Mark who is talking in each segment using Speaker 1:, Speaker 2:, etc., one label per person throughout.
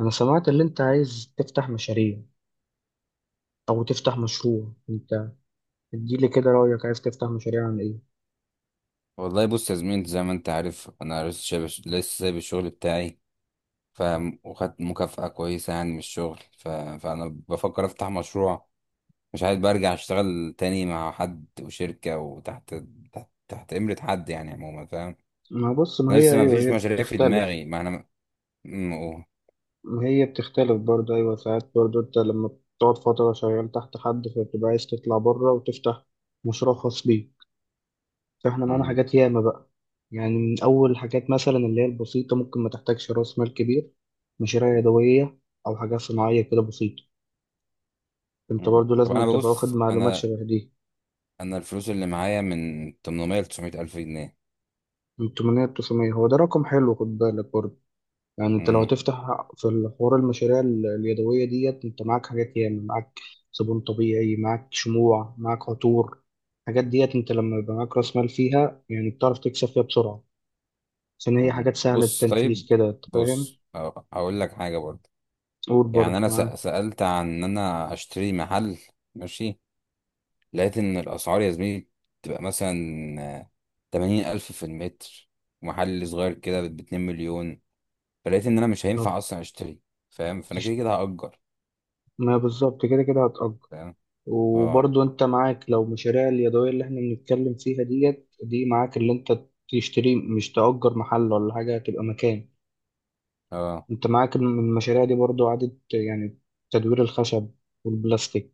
Speaker 1: أنا سمعت اللي أنت عايز تفتح مشاريع أو تفتح مشروع أنت. اديلي كده رأيك، عايز تفتح مشاريع عن إيه؟
Speaker 2: والله، بص يا زميلي، انت زي ما انت عارف انا لسه شايب، لسه سايب الشغل بتاعي. فاهم؟ وخدت مكافأة كويسة يعني من الشغل، فانا بفكر افتح مشروع. مش عايز برجع اشتغل تاني مع حد وشركة وتحت تحت, تحت امرة حد يعني عموما. فاهم؟
Speaker 1: ما بص ما
Speaker 2: انا
Speaker 1: هي
Speaker 2: لسه ما
Speaker 1: أيوه
Speaker 2: فيش
Speaker 1: هي
Speaker 2: مشاريع في
Speaker 1: بتختلف.
Speaker 2: دماغي، ما انا م... أوه.
Speaker 1: ما هي بتختلف برضه، أيوه ساعات برضه أنت لما بتقعد فترة شغال تحت حد فبتبقى عايز تطلع بره وتفتح مشروع خاص بيك. فإحنا معانا
Speaker 2: م-
Speaker 1: حاجات ياما بقى، يعني من أول حاجات مثلا اللي هي البسيطة ممكن ما تحتاجش رأس مال كبير، مشاريع
Speaker 2: م-
Speaker 1: يدوية أو حاجات صناعية كده بسيطة. أنت برضه
Speaker 2: طب
Speaker 1: لازم
Speaker 2: انا
Speaker 1: تبقى واخد
Speaker 2: ببص،
Speaker 1: معلومات
Speaker 2: انا
Speaker 1: شبه دي.
Speaker 2: انا الفلوس اللي معايا من 800 ل 900 الف جنيه.
Speaker 1: من 800 900، هو ده رقم حلو، خد بالك برضه يعني انت لو
Speaker 2: م-
Speaker 1: هتفتح في الحوار المشاريع اليدويه ديت، انت معاك حاجات ياما، معاك صابون طبيعي، معاك شموع، معاك عطور. الحاجات ديت انت لما يبقى معاك راس مال فيها يعني بتعرف تكسب فيها بسرعه، عشان هي حاجات سهله
Speaker 2: بص،
Speaker 1: التنفيذ
Speaker 2: طيب.
Speaker 1: كده انت فاهم.
Speaker 2: بص، هقول لك حاجة برضه.
Speaker 1: قول
Speaker 2: يعني
Speaker 1: برضه
Speaker 2: انا
Speaker 1: معاك.
Speaker 2: سألت عن ان انا اشتري محل. ماشي. لقيت ان الاسعار يا زميلي تبقى مثلا 80 ألف في المتر، محل صغير كده ب2 مليون. فلقيت ان انا مش
Speaker 1: طب
Speaker 2: هينفع اصلا اشتري. فاهم؟ فانا
Speaker 1: تش-
Speaker 2: كده كده هأجر.
Speaker 1: ما بالظبط كده كده هتأجر،
Speaker 2: فاهم. اه،
Speaker 1: وبرضه انت معاك لو مشاريع اليدويه اللي احنا بنتكلم فيها ديت، دي معاك اللي انت تشتري مش تأجر محل ولا حاجه، هتبقى مكان.
Speaker 2: اه.
Speaker 1: انت معاك المشاريع دي برضو إعادة يعني تدوير الخشب والبلاستيك،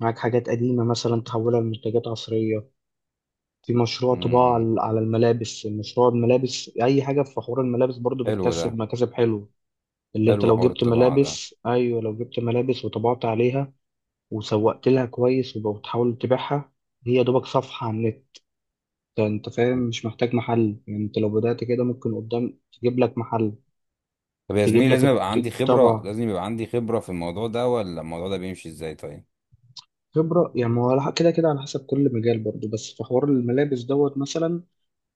Speaker 1: معاك حاجات قديمة مثلا تحولها لمنتجات عصرية. في مشروع
Speaker 2: امم،
Speaker 1: طباعة
Speaker 2: إمم.
Speaker 1: على على الملابس، مشروع الملابس، أي حاجة في حوار الملابس برضو
Speaker 2: حلو ده.
Speaker 1: بتكسب مكاسب حلوة. اللي انت
Speaker 2: حلو
Speaker 1: لو
Speaker 2: حوار
Speaker 1: جبت
Speaker 2: الطباعة ده.
Speaker 1: ملابس، أيوة لو جبت ملابس وطبعت عليها وسوقت لها كويس وبتحاول تبيعها، هي دوبك صفحة على النت، انت فاهم، مش محتاج محل. يعني انت لو بدأت كده ممكن قدام تجيب لك محل.
Speaker 2: طب يا
Speaker 1: تجيب
Speaker 2: زميلي،
Speaker 1: لك
Speaker 2: لازم يبقى عندي خبرة،
Speaker 1: الطبع.
Speaker 2: لازم يبقى عندي خبرة في الموضوع ده، ولا الموضوع ده بيمشي ازاي؟ طيب.
Speaker 1: خبرة؟ يعني ما هو كده كده على حسب كل مجال برضو، بس في حوار الملابس دوت مثلا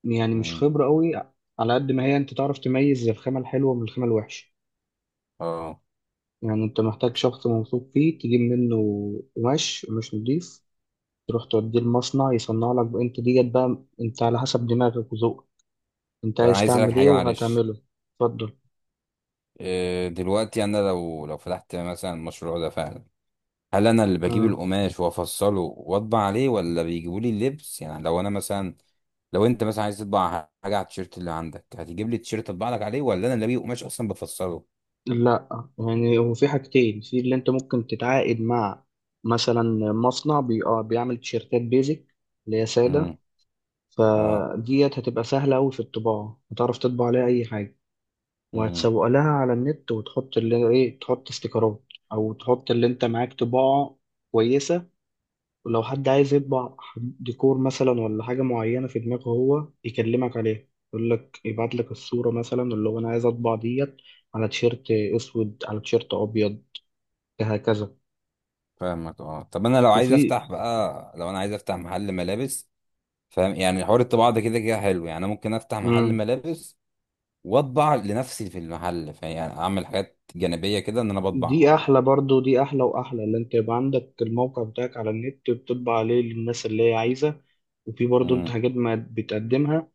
Speaker 1: يعني مش
Speaker 2: امم.
Speaker 1: خبرة قوي، على قد ما هي انت تعرف تميز الخامة الحلوة من الخامة الوحشة.
Speaker 2: اه.
Speaker 1: يعني انت محتاج شخص موثوق فيه تجيب منه قماش مش نضيف، تروح توديه المصنع يصنع لك، انت ديت بقى انت على حسب دماغك وذوقك انت
Speaker 2: طب انا
Speaker 1: عايز
Speaker 2: عايز اسألك
Speaker 1: تعمل ايه
Speaker 2: حاجة، معلش.
Speaker 1: وهتعمله. اتفضل.
Speaker 2: دلوقتي انا لو فتحت مثلا المشروع ده فعلا، هل انا اللي بجيب
Speaker 1: آه.
Speaker 2: القماش وافصله واطبع عليه، ولا بيجيبوا لي اللبس؟ يعني لو انا مثلا، لو انت مثلا عايز تطبع حاجه على التيشيرت اللي عندك، هتجيب لي التيشيرت اطبع لك عليه، ولا انا اللي بجيب قماش اصلا بفصله؟
Speaker 1: لا، يعني هو في حاجتين في اللي انت ممكن تتعاقد مع مثلا مصنع بي... آه، بيعمل تيشيرتات بيزك اللي هي سادة،
Speaker 2: امم. اه.
Speaker 1: فديت هتبقى سهلة أوي في الطباعة، هتعرف تطبع عليها أي حاجة
Speaker 2: امم.
Speaker 1: وهتسوق لها على النت وتحط اللي إيه، تحط استيكرات أو تحط اللي أنت معاك طباعة كويسة. ولو حد عايز يطبع ديكور مثلا ولا حاجة معينة في دماغه هو يكلمك عليها، يقول لك يبعت لك الصورة مثلا اللي هو أنا عايز أطبع ديت على تيشيرت أسود على تيشيرت أبيض هكذا.
Speaker 2: فاهمك. اه. طب انا لو عايز
Speaker 1: وفي.
Speaker 2: افتح بقى، لو انا عايز افتح محل ملابس. فاهم؟ يعني حوار الطباعه ده كده كده حلو. يعني انا ممكن افتح محل
Speaker 1: مم.
Speaker 2: ملابس واطبع لنفسي في المحل، فيعني اعمل حاجات جانبيه كده، ان انا
Speaker 1: دي
Speaker 2: بطبع.
Speaker 1: احلى برضو، دي احلى واحلى، اللي انت يبقى عندك الموقع بتاعك على النت بتطبع عليه للناس اللي هي عايزه، وفي برضو انت حاجات ما بتقدمها،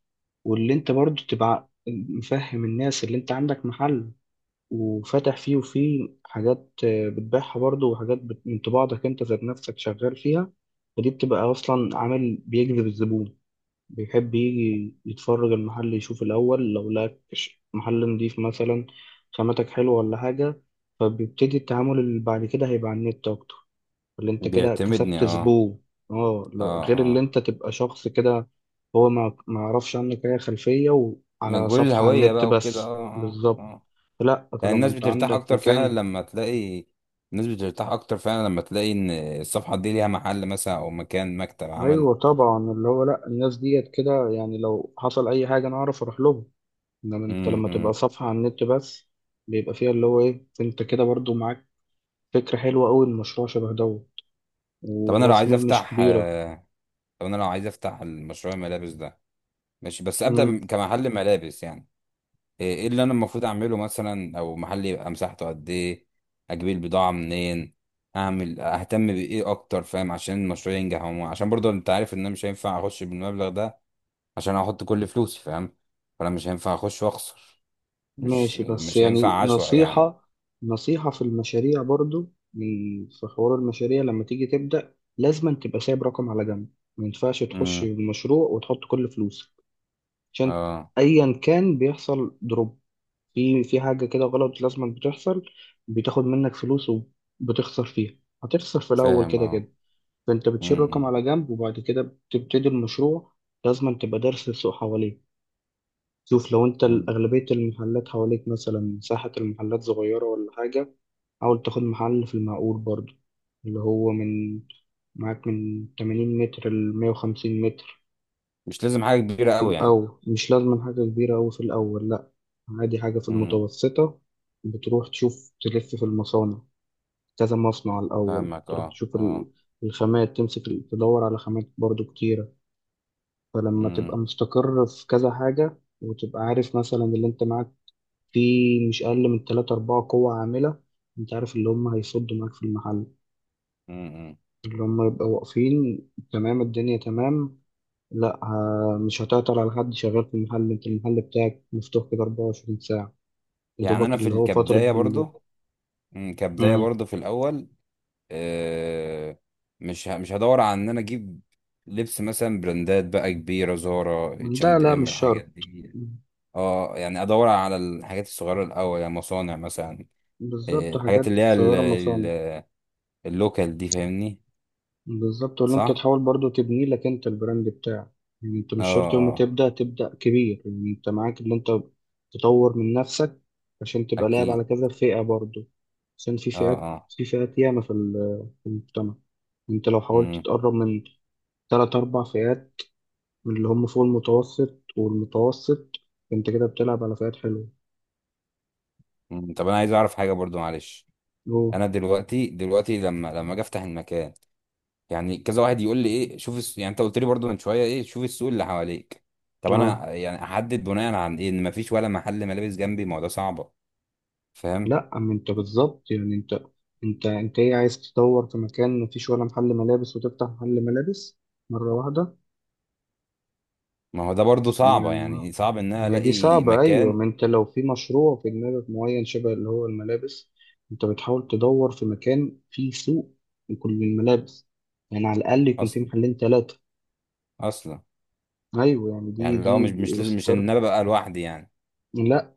Speaker 1: واللي انت برضو تبقى مفهم الناس اللي انت عندك محل وفاتح فيه، وفيه حاجات آه، بتبيعها برضو، وحاجات من طباعتك انت ذات نفسك شغال فيها. فدي بتبقى اصلا عامل بيجذب الزبون، بيحب يجي يتفرج المحل، يشوف الأول لو لقى محل نضيف مثلا، خاماتك حلوة ولا حاجة، فبيبتدي التعامل اللي بعد كده هيبقى على النت أكتر، اللي أنت كده
Speaker 2: بيعتمدني.
Speaker 1: كسبت
Speaker 2: اه،
Speaker 1: زبون. اه
Speaker 2: اه،
Speaker 1: غير اللي
Speaker 2: اه.
Speaker 1: أنت تبقى شخص كده هو ما يعرفش عنك أي خلفية وعلى
Speaker 2: مجهول
Speaker 1: صفحة على
Speaker 2: الهوية
Speaker 1: النت
Speaker 2: بقى وكده.
Speaker 1: بس،
Speaker 2: اه، اه،
Speaker 1: بالظبط.
Speaker 2: اه.
Speaker 1: لا
Speaker 2: يعني
Speaker 1: طالما
Speaker 2: الناس
Speaker 1: أنت
Speaker 2: بترتاح
Speaker 1: عندك
Speaker 2: اكتر فعلا
Speaker 1: مكان،
Speaker 2: لما تلاقي، الناس بترتاح اكتر فعلا لما تلاقي ان الصفحة دي ليها محل مثلا، او مكان، مكتب عمل.
Speaker 1: أيوة طبعا اللي هو لا، الناس ديت كده يعني لو حصل أي حاجة أنا أعرف أروح لهم. انما انت
Speaker 2: امم،
Speaker 1: لما تبقى
Speaker 2: إمم.
Speaker 1: صفحة على النت بس بيبقى فيها اللي هو ايه، انت كده برضو معاك فكرة حلوة قوي، المشروع شبه دوت
Speaker 2: طب انا لو
Speaker 1: وراس
Speaker 2: عايز
Speaker 1: مال مش
Speaker 2: افتح
Speaker 1: كبيرة.
Speaker 2: آه، طب انا لو عايز افتح المشروع الملابس ده، ماشي، بس
Speaker 1: امم،
Speaker 2: ابدا كمحل ملابس يعني. إيه اللي انا المفروض اعمله مثلا، او محل يبقى مساحته قد ايه؟ اجيب البضاعه منين؟ اعمل، اهتم بايه اكتر؟ فاهم؟ عشان المشروع ينجح، عشان برضه انت عارف ان انا مش هينفع اخش بالمبلغ ده عشان احط كل فلوسي. فاهم؟ فانا مش هينفع اخش واخسر. مش
Speaker 1: ماشي، بس
Speaker 2: مش هينفع
Speaker 1: يعني
Speaker 2: عشوائي يعني.
Speaker 1: نصيحة، نصيحة في المشاريع برضو، من في حوار المشاريع لما تيجي تبدأ لازم تبقى سايب رقم على جنب. ما ينفعش تخش
Speaker 2: امم.
Speaker 1: المشروع وتحط كل فلوسك، عشان
Speaker 2: اه.
Speaker 1: ايا كان بيحصل دروب في حاجة كده غلط لازم بتحصل، بتاخد منك فلوس وبتخسر فيها، هتخسر في الأول
Speaker 2: فاهم.
Speaker 1: كده
Speaker 2: اه.
Speaker 1: كده. فانت بتشيل رقم
Speaker 2: امم.
Speaker 1: على جنب وبعد كده بتبتدي المشروع. لازم تبقى دارس السوق حواليك، شوف لو انت
Speaker 2: أمم.
Speaker 1: اغلبيه المحلات حواليك مثلا مساحه المحلات صغيره ولا حاجه، حاول تاخد محل في المعقول برضو، اللي هو من معاك من 80 متر ل 150 متر.
Speaker 2: مش لازم حاجه كبيره
Speaker 1: في
Speaker 2: قوي يعني.
Speaker 1: الاول مش لازم حاجه كبيره أوي، في الاول لا، عادي حاجه في
Speaker 2: امم.
Speaker 1: المتوسطه. بتروح تشوف تلف في المصانع، كذا مصنع الاول،
Speaker 2: فاهمك.
Speaker 1: تروح
Speaker 2: اه،
Speaker 1: تشوف
Speaker 2: اه.
Speaker 1: الخامات، تمسك تدور على خامات برضو كتيره. فلما تبقى
Speaker 2: امم.
Speaker 1: مستقر في كذا حاجة وتبقى عارف مثلا اللي انت معاك فيه مش أقل من تلاتة أربعة قوة عاملة انت عارف اللي هم هيصدوا معاك في المحل،
Speaker 2: أمم.
Speaker 1: اللي هم يبقوا واقفين تمام، الدنيا تمام، لا مش هتعطل على حد شغال في المحل، انت المحل بتاعك مفتوح كده 24 ساعة، يا
Speaker 2: يعني
Speaker 1: دوبك
Speaker 2: انا
Speaker 1: اللي هو فترة
Speaker 2: كبدايه
Speaker 1: بالليل.
Speaker 2: برضه،
Speaker 1: مم.
Speaker 2: في الاول. آه، مش هدور على ان انا اجيب لبس مثلا براندات بقى كبيره، زارا، اتش
Speaker 1: لا
Speaker 2: اند
Speaker 1: لا
Speaker 2: ام
Speaker 1: مش
Speaker 2: الحاجات
Speaker 1: شرط.
Speaker 2: دي.
Speaker 1: مم.
Speaker 2: اه. يعني ادور على الحاجات الصغيره الاول، يعني مصانع مثلا.
Speaker 1: بالظبط،
Speaker 2: الحاجات
Speaker 1: حاجات
Speaker 2: اللي هي
Speaker 1: صغيرة مثلا.
Speaker 2: ال- اللوكال دي. فاهمني؟
Speaker 1: بالظبط، ولا انت
Speaker 2: صح.
Speaker 1: تحاول برضو تبني لك انت البراند بتاعك. يعني انت
Speaker 2: اه،
Speaker 1: مش شرط يوم ما
Speaker 2: اه.
Speaker 1: تبدا تبدا كبير، يعني انت معاك ان انت تطور من نفسك عشان تبقى لاعب
Speaker 2: اكيد.
Speaker 1: على كذا فئه برضو، عشان في
Speaker 2: اه،
Speaker 1: فئات،
Speaker 2: اه.
Speaker 1: في فئات ياما في في المجتمع. انت لو حاولت
Speaker 2: مم.
Speaker 1: تقرب من ثلاث اربع فئات من اللي هم فوق المتوسط والمتوسط، انت كده بتلعب على فئات حلوه.
Speaker 2: مم. طب انا عايز اعرف حاجه برضو، معلش.
Speaker 1: أوه.
Speaker 2: انا دلوقتي لما اجي افتح المكان، يعني كذا واحد يقول لي ايه، شوف يعني انت قلت لي برضو من شويه، ايه، شوف السوق اللي حواليك. طب
Speaker 1: اه
Speaker 2: انا يعني احدد بناء عن ايه ان مفيش ولا محل ملابس جنبي؟ ما هو ده صعبه. فاهم؟
Speaker 1: لا، اما انت بالظبط يعني انت، انت ايه، عايز تدور في مكان مفيش ولا محل ملابس وتفتح محل ملابس مرة واحدة؟
Speaker 2: ما هو ده برضو صعبه
Speaker 1: يعني
Speaker 2: يعني، صعب ان انا
Speaker 1: هي دي
Speaker 2: الاقي
Speaker 1: صعبة أيوة،
Speaker 2: مكان
Speaker 1: ما أنت لو في مشروع في دماغك معين شبه اللي هو الملابس أنت بتحاول تدور في مكان فيه سوق لكل الملابس، يعني على الأقل يكون في
Speaker 2: اصلا
Speaker 1: محلين تلاتة.
Speaker 2: اصلا.
Speaker 1: أيوة يعني دي
Speaker 2: يعني لو مش
Speaker 1: دي
Speaker 2: مش لازم مش ان
Speaker 1: ستارت.
Speaker 2: انا ببقى لوحدي يعني.
Speaker 1: لا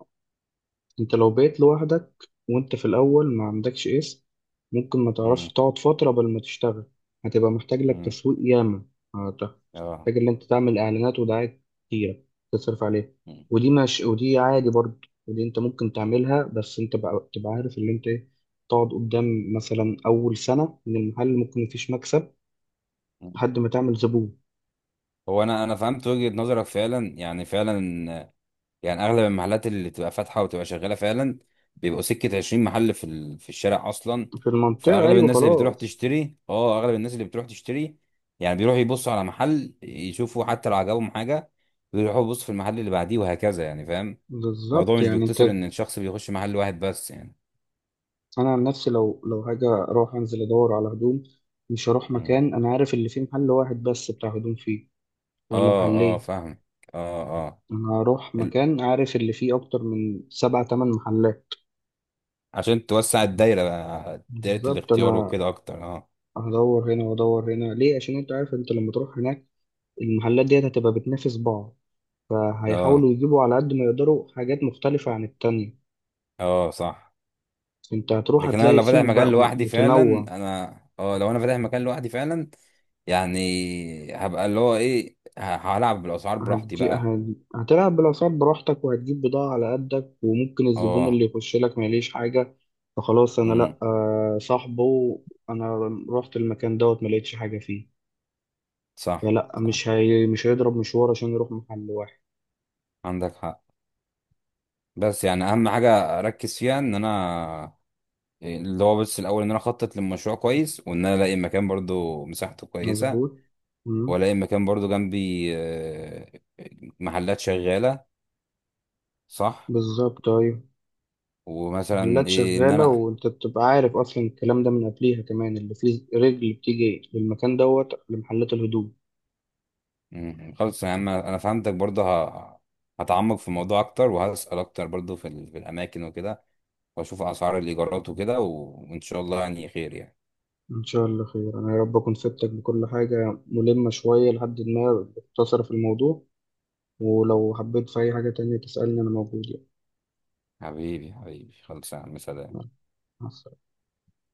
Speaker 1: انت لو بقيت لوحدك وانت في الاول ما عندكش اسم ممكن ما تعرفش
Speaker 2: امم،
Speaker 1: تقعد فترة قبل ما تشتغل، هتبقى محتاج لك
Speaker 2: امم.
Speaker 1: تسويق ياما، هت-
Speaker 2: اه.
Speaker 1: محتاج ان انت تعمل اعلانات ودعايات كتيرة تصرف عليها.
Speaker 2: مم.
Speaker 1: ودي مش، ودي عادي برضه، ودي انت ممكن تعملها، بس انت بقى تبقى عارف ان انت ايه، تقعد قدام مثلا اول سنة من المحل ممكن مفيش مكسب،
Speaker 2: مم.
Speaker 1: لحد ما تعمل زبون.
Speaker 2: هو انا فهمت وجهه نظرك فعلا يعني، فعلا. يعني اغلب المحلات اللي تبقى فاتحه وتبقى شغاله فعلا، بيبقوا سكه 20 محل في الشارع اصلا.
Speaker 1: في المنطقة
Speaker 2: فاغلب
Speaker 1: ايوه
Speaker 2: الناس اللي بتروح
Speaker 1: خلاص.
Speaker 2: تشتري اه اغلب الناس اللي بتروح تشتري يعني، بيروحوا يبصوا على محل، يشوفوا حتى لو عجبهم حاجه، بيروحوا يبصوا في المحل اللي بعديه وهكذا يعني. فاهم؟ الموضوع
Speaker 1: بالظبط
Speaker 2: مش
Speaker 1: يعني انت،
Speaker 2: بيقتصر ان الشخص بيخش محل واحد بس يعني.
Speaker 1: انا عن نفسي لو حاجه اروح انزل ادور على هدوم، مش هروح
Speaker 2: مم.
Speaker 1: مكان انا عارف اللي فيه محل واحد بس بتاع هدوم فيه ولا
Speaker 2: اه، اه.
Speaker 1: محلين،
Speaker 2: فاهم. اه، اه.
Speaker 1: انا هروح
Speaker 2: ال-
Speaker 1: مكان عارف اللي فيه اكتر من سبع تمن محلات.
Speaker 2: عشان توسع الدايره بقى، دايره
Speaker 1: بالظبط،
Speaker 2: الاختيار
Speaker 1: انا
Speaker 2: وكده اكتر. اه.
Speaker 1: هدور هنا وادور هنا ليه، عشان انت عارف انت لما تروح هناك المحلات ديت هتبقى بتنافس بعض،
Speaker 2: اه،
Speaker 1: فهيحاولوا يجيبوا على قد ما يقدروا حاجات مختلفه عن التانية.
Speaker 2: اه. صح.
Speaker 1: انت هتروح
Speaker 2: لكن انا
Speaker 1: هتلاقي
Speaker 2: لو فاتح
Speaker 1: سوق
Speaker 2: مكان
Speaker 1: بقى
Speaker 2: لوحدي فعلا
Speaker 1: متنوع.
Speaker 2: انا اه لو انا فاتح مكان لوحدي فعلا، يعني هبقى اللي هو ايه، هلعب بالاسعار براحتي بقى.
Speaker 1: هتلعب بالأسعار براحتك وهتجيب بضاعة على قدك وممكن الزبون اللي
Speaker 2: اه.
Speaker 1: يخش لك ما يليش حاجة، فخلاص أنا
Speaker 2: امم.
Speaker 1: لأ، آه، صاحبه، أنا رحت المكان دوت ما لقيتش حاجة فيه،
Speaker 2: صح،
Speaker 1: فلأ
Speaker 2: صح.
Speaker 1: مش هيضرب مشوار عشان يروح محل واحد.
Speaker 2: عندك حق. بس يعني اهم حاجه اركز فيها ان انا، اللي هو بس الاول، ان انا اخطط للمشروع كويس، وان انا الاقي مكان برضو مساحته كويسه.
Speaker 1: مظبوط. مم.
Speaker 2: والاقي مكان برضو جنبي محلات شغاله. صح.
Speaker 1: بالظبط أيوة،
Speaker 2: ومثلا
Speaker 1: محلات
Speaker 2: ايه ان
Speaker 1: شغالة
Speaker 2: انا.
Speaker 1: وأنت بتبقى عارف أصلا الكلام ده من قبليها، كمان اللي فيه رجل بتيجي للمكان دوت لمحلات الهدوم.
Speaker 2: مم. خلاص يا عم، انا فهمتك برضه. هتعمق في الموضوع اكتر، وهسأل اكتر برضه في الاماكن وكده، واشوف اسعار الايجارات وكده وان شاء الله يعني خير يعني.
Speaker 1: إن شاء الله خير، أنا يا رب أكون فدتك بكل حاجة ملمة شوية لحد ما اختصر في الموضوع، ولو حبيت في أي حاجة تانية تسألني أنا موجود يعني.
Speaker 2: حبيبي، حبيبي، خلاص يا عم، سلام.
Speaker 1: مع السلامة.